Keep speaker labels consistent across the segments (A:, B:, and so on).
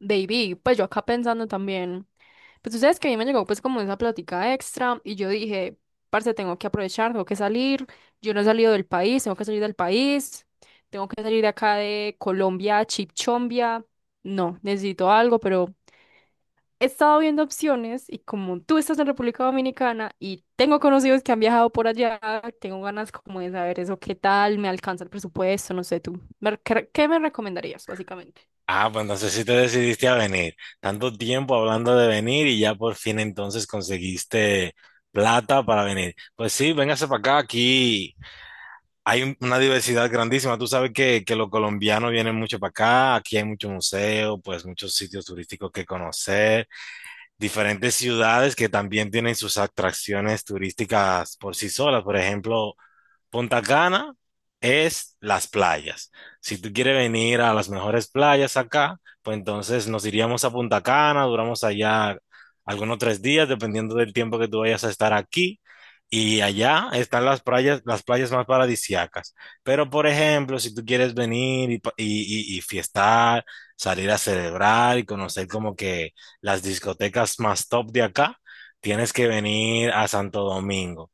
A: Baby, pues yo acá pensando también, pues tú sabes que a mí me llegó pues como esa plática extra y yo dije, parce, tengo que aprovechar, tengo que salir, yo no he salido del país, tengo que salir del país, tengo que salir de acá de Colombia, Chipchombia, no, necesito algo, pero he estado viendo opciones y como tú estás en República Dominicana y tengo conocidos que han viajado por allá, tengo ganas como de saber eso, qué tal, me alcanza el presupuesto, no sé, tú, ¿qué me recomendarías básicamente?
B: Ah, pues no sé si te decidiste a venir. Tanto tiempo hablando de venir y ya por fin entonces conseguiste plata para venir. Pues sí, véngase para acá. Aquí hay una diversidad grandísima. Tú sabes que los colombianos vienen mucho para acá. Aquí hay mucho museo, pues muchos sitios turísticos que conocer. Diferentes ciudades que también tienen sus atracciones turísticas por sí solas. Por ejemplo, Punta Cana es las playas. Si tú quieres venir a las mejores playas acá, pues entonces nos iríamos a Punta Cana, duramos allá algunos 3 días, dependiendo del tiempo que tú vayas a estar aquí. Y allá están las playas más paradisíacas. Pero, por ejemplo, si tú quieres venir y fiestar, salir a celebrar y conocer como que las discotecas más top de acá, tienes que venir a Santo Domingo.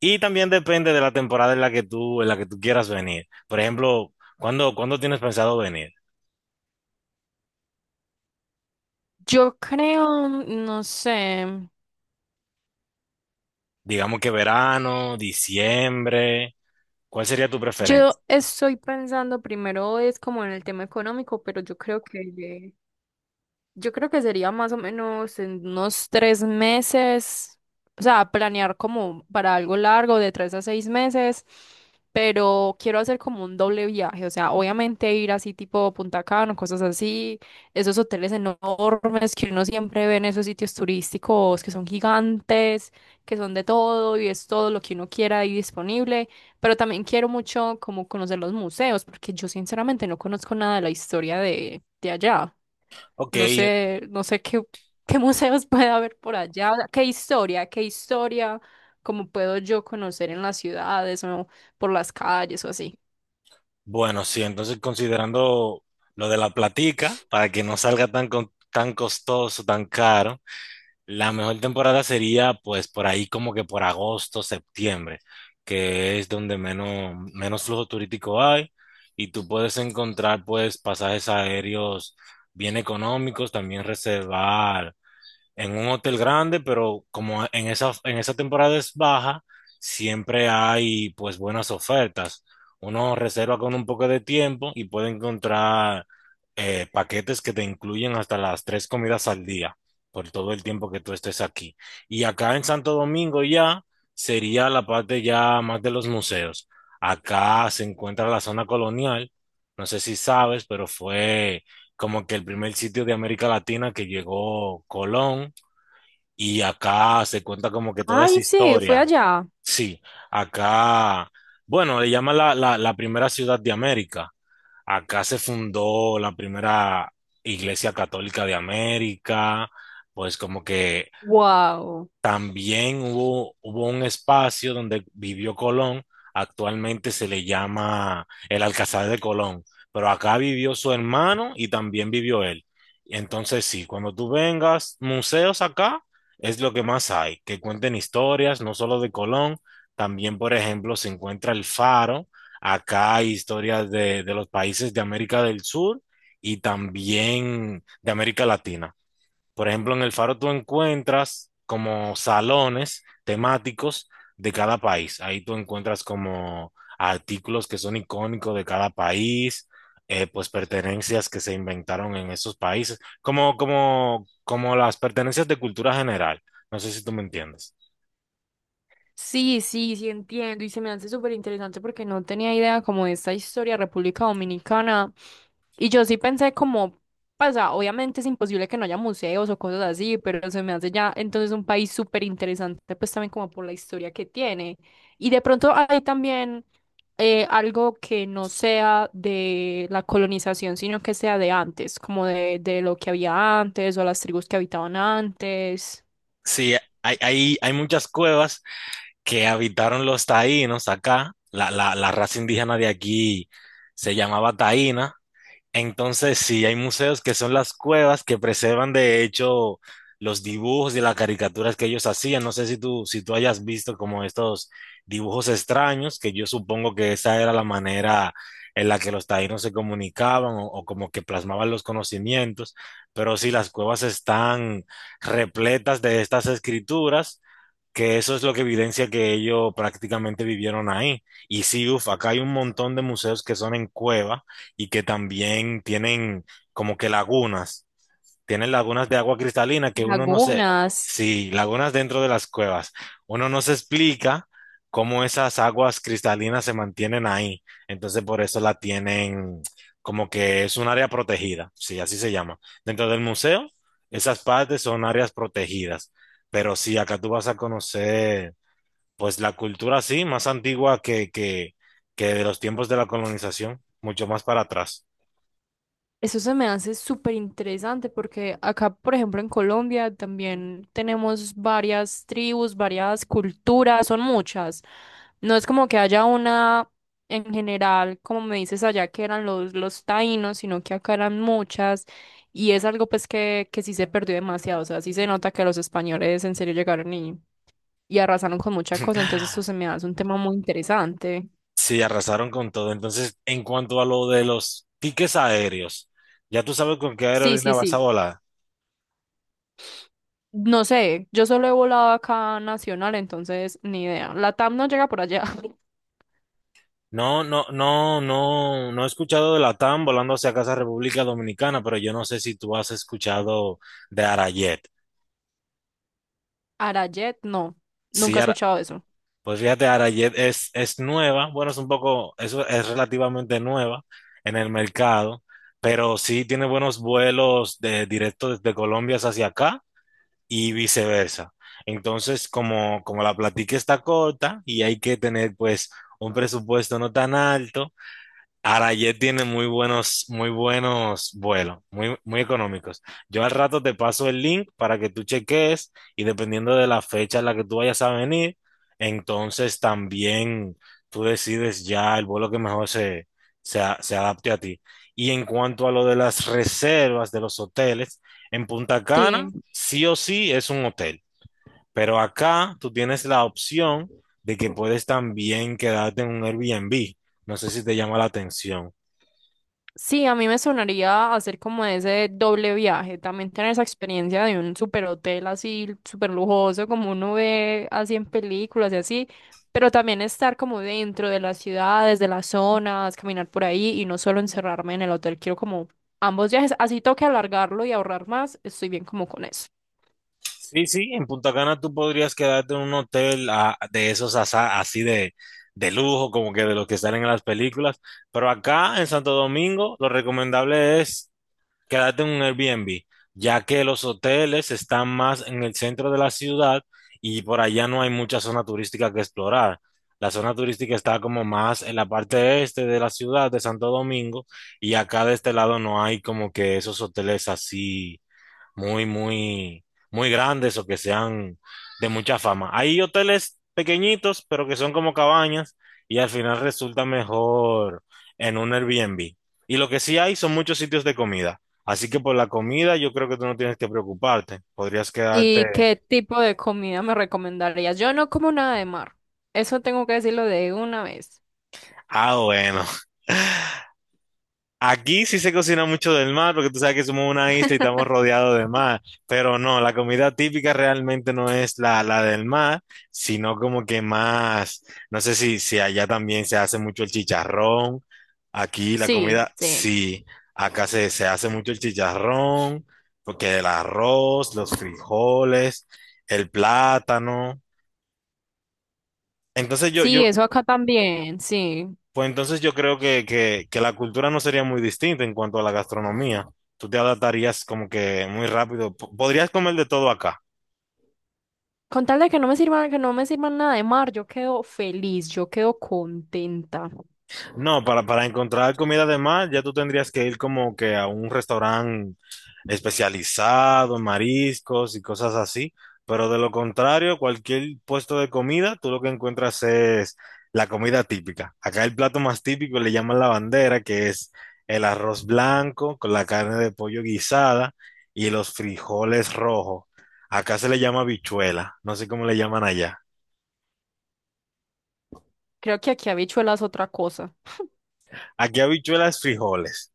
B: Y también depende de la temporada en la que tú quieras venir. Por ejemplo, ¿cuándo tienes pensado venir?
A: Yo creo, no sé,
B: Digamos que verano, diciembre, ¿cuál sería tu preferencia?
A: yo estoy pensando primero es como en el tema económico, pero yo creo que, yo creo que sería más o menos en unos tres meses, o sea, planear como para algo largo de tres a seis meses, pero quiero hacer como un doble viaje, o sea, obviamente ir así tipo Punta Cana, cosas así, esos hoteles enormes que uno siempre ve en esos sitios turísticos que son gigantes, que son de todo y es todo lo que uno quiera ahí disponible, pero también quiero mucho como conocer los museos, porque yo sinceramente no conozco nada de la historia de allá.
B: Ok,
A: No sé qué, museos puede haber por allá, o sea, qué historia, cómo puedo yo conocer en las ciudades o por las calles o así.
B: bueno, sí, entonces considerando lo de la platica, para que no salga tan, tan costoso, tan caro, la mejor temporada sería pues por ahí como que por agosto, septiembre, que es donde menos flujo turístico hay y tú puedes encontrar pues pasajes aéreos bien económicos, también reservar en un hotel grande, pero como en esa temporada es baja, siempre hay pues buenas ofertas. Uno reserva con un poco de tiempo y puede encontrar paquetes que te incluyen hasta las tres comidas al día por todo el tiempo que tú estés aquí. Y acá en Santo Domingo ya sería la parte ya más de los museos. Acá se encuentra la zona colonial. No sé si sabes, pero fue como que el primer sitio de América Latina que llegó Colón y acá se cuenta como que toda esa
A: Ay, sí, fue
B: historia.
A: allá.
B: Sí, acá, bueno, le llaman la primera ciudad de América. Acá se fundó la primera iglesia católica de América, pues como que
A: Wow.
B: también hubo un espacio donde vivió Colón, actualmente se le llama el Alcázar de Colón, pero acá vivió su hermano y también vivió él. Entonces sí, cuando tú vengas, museos acá es lo que más hay, que cuenten historias, no solo de Colón, también por ejemplo se encuentra el Faro, acá hay historias de los países de América del Sur y también de América Latina. Por ejemplo, en el Faro tú encuentras como salones temáticos de cada país. Ahí tú encuentras como artículos que son icónicos de cada país, pues pertenencias que se inventaron en esos países, como las pertenencias de cultura general. No sé si tú me entiendes.
A: Sí, sí, sí entiendo y se me hace súper interesante porque no tenía idea como de esta historia de República Dominicana y yo sí pensé como, pasa, obviamente es imposible que no haya museos o cosas así, pero se me hace ya entonces un país súper interesante pues también como por la historia que tiene y de pronto hay también algo que no sea de la colonización sino que sea de antes, como de lo que había antes o las tribus que habitaban antes,
B: Sí, hay muchas cuevas que habitaron los taínos acá. La raza indígena de aquí se llamaba taína. Entonces, sí, hay museos que son las cuevas que preservan de hecho los dibujos y las caricaturas que ellos hacían. No sé si tú hayas visto como estos dibujos extraños, que yo supongo que esa era la manera en la que los taínos se comunicaban o como que plasmaban los conocimientos. Pero sí, las cuevas están repletas de estas escrituras que eso es lo que evidencia que ellos prácticamente vivieron ahí. Y sí, uf, acá hay un montón de museos que son en cueva y que también tienen como que lagunas, tienen lagunas de agua cristalina que uno no se,
A: lagunas.
B: sí, lagunas dentro de las cuevas. Uno no se explica cómo esas aguas cristalinas se mantienen ahí. Entonces por eso la tienen como que es un área protegida, sí, así se llama. Dentro del museo, esas partes son áreas protegidas. Pero sí, acá tú vas a conocer pues la cultura sí, más antigua que de los tiempos de la colonización, mucho más para atrás.
A: Eso se me hace súper interesante porque acá, por ejemplo, en Colombia también tenemos varias tribus, varias culturas, son muchas. No es como que haya una en general, como me dices allá que eran los taínos, sino que acá eran muchas y es algo pues que sí se perdió demasiado. O sea, sí se nota que los españoles en serio llegaron y arrasaron con mucha cosa, entonces esto se me hace un tema muy interesante.
B: Sí, arrasaron con todo. Entonces, en cuanto a, lo de los tickets aéreos, ya tú sabes con qué
A: Sí,
B: aerolínea
A: sí,
B: vas a
A: sí.
B: volar.
A: No sé, yo solo he volado acá nacional, entonces ni idea. La TAM no llega por allá.
B: No, no, no, no, no he escuchado de Latam volando hacia casa República Dominicana, pero yo no sé si tú has escuchado de Arajet.
A: Arajet, no,
B: Sí,
A: nunca he escuchado eso.
B: Pues fíjate, Arajet es nueva, bueno, es un poco, es relativamente nueva en el mercado, pero sí tiene buenos vuelos directos desde Colombia hacia acá y viceversa. Entonces, como la platica está corta y hay que tener pues un presupuesto no tan alto, Arayet tiene muy buenos vuelos, muy, muy económicos. Yo al rato te paso el link para que tú cheques y dependiendo de la fecha en la que tú vayas a venir, entonces también tú decides ya el vuelo que mejor se adapte a ti. Y en cuanto a lo de las reservas de los hoteles, en Punta Cana
A: Sí,
B: sí o sí es un hotel, pero acá tú tienes la opción de que puedes también quedarte en un Airbnb. No sé si te llama la atención.
A: sí, a mí me sonaría hacer como ese doble viaje, también tener esa experiencia de un super hotel así, super lujoso, como uno ve así en películas y así, pero también estar como dentro de las ciudades, de las zonas, caminar por ahí y no solo encerrarme en el hotel, quiero como ambos viajes, así toque alargarlo y ahorrar más, estoy bien como con eso.
B: Sí, sí, en Punta Cana tú podrías quedarte en un hotel, ah, de esos así de lujo, como que de los que salen en las películas, pero acá en Santo Domingo lo recomendable es quedarte en un Airbnb, ya que los hoteles están más en el centro de la ciudad y por allá no hay mucha zona turística que explorar. La zona turística está como más en la parte este de la ciudad de Santo Domingo y acá de este lado no hay como que esos hoteles así muy, muy, muy grandes o que sean de mucha fama. Hay hoteles pequeñitos, pero que son como cabañas y al final resulta mejor en un Airbnb. Y lo que sí hay son muchos sitios de comida. Así que por la comida yo creo que tú no tienes que preocuparte. Podrías
A: ¿Y
B: quedarte.
A: qué tipo de comida me recomendarías? Yo no como nada de mar. Eso tengo que decirlo de una vez.
B: Ah, bueno. Aquí sí se cocina mucho del mar, porque tú sabes que somos una isla y estamos rodeados de mar, pero no, la comida típica realmente no es la del mar, sino como que más, no sé si allá también se hace mucho el chicharrón, aquí la
A: Sí,
B: comida,
A: sí.
B: sí, acá se hace mucho el chicharrón, porque el arroz, los frijoles, el plátano. Entonces yo,
A: Sí,
B: yo
A: eso acá también, sí.
B: Pues entonces yo creo que la cultura no sería muy distinta en cuanto a la gastronomía. Tú te adaptarías como que muy rápido. Podrías comer de todo acá.
A: Con tal de que no me sirvan, que no me sirvan nada de mar, yo quedo feliz, yo quedo contenta.
B: No, para encontrar comida de mar, ya tú tendrías que ir como que a un restaurante especializado en mariscos y cosas así. Pero de lo contrario, cualquier puesto de comida, tú lo que encuentras es la comida típica. Acá el plato más típico le llaman la bandera, que es el arroz blanco con la carne de pollo guisada y los frijoles rojos. Acá se le llama habichuela, no sé cómo le llaman allá.
A: Creo que aquí habichuelas es otra cosa.
B: Aquí habichuelas frijoles.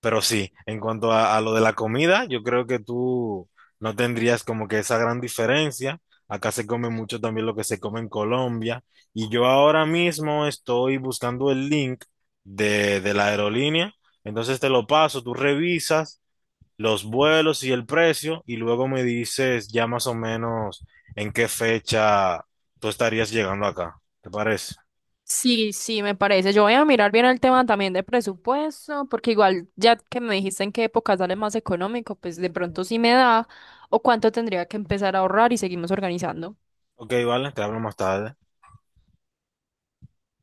B: Pero sí, en cuanto a lo de la comida, yo creo que tú no tendrías como que esa gran diferencia. Acá se come mucho también lo que se come en Colombia. Y yo ahora mismo estoy buscando el link de la aerolínea. Entonces te lo paso, tú revisas los vuelos y el precio y luego me dices ya más o menos en qué fecha tú estarías llegando acá. ¿Te parece?
A: Sí, sí, me parece. Yo voy a mirar bien el tema también de presupuesto, porque igual ya que me dijiste en qué época sale más económico, pues de pronto sí me da, o cuánto tendría que empezar a ahorrar y seguimos organizando.
B: Ok, vale, te hablo más tarde.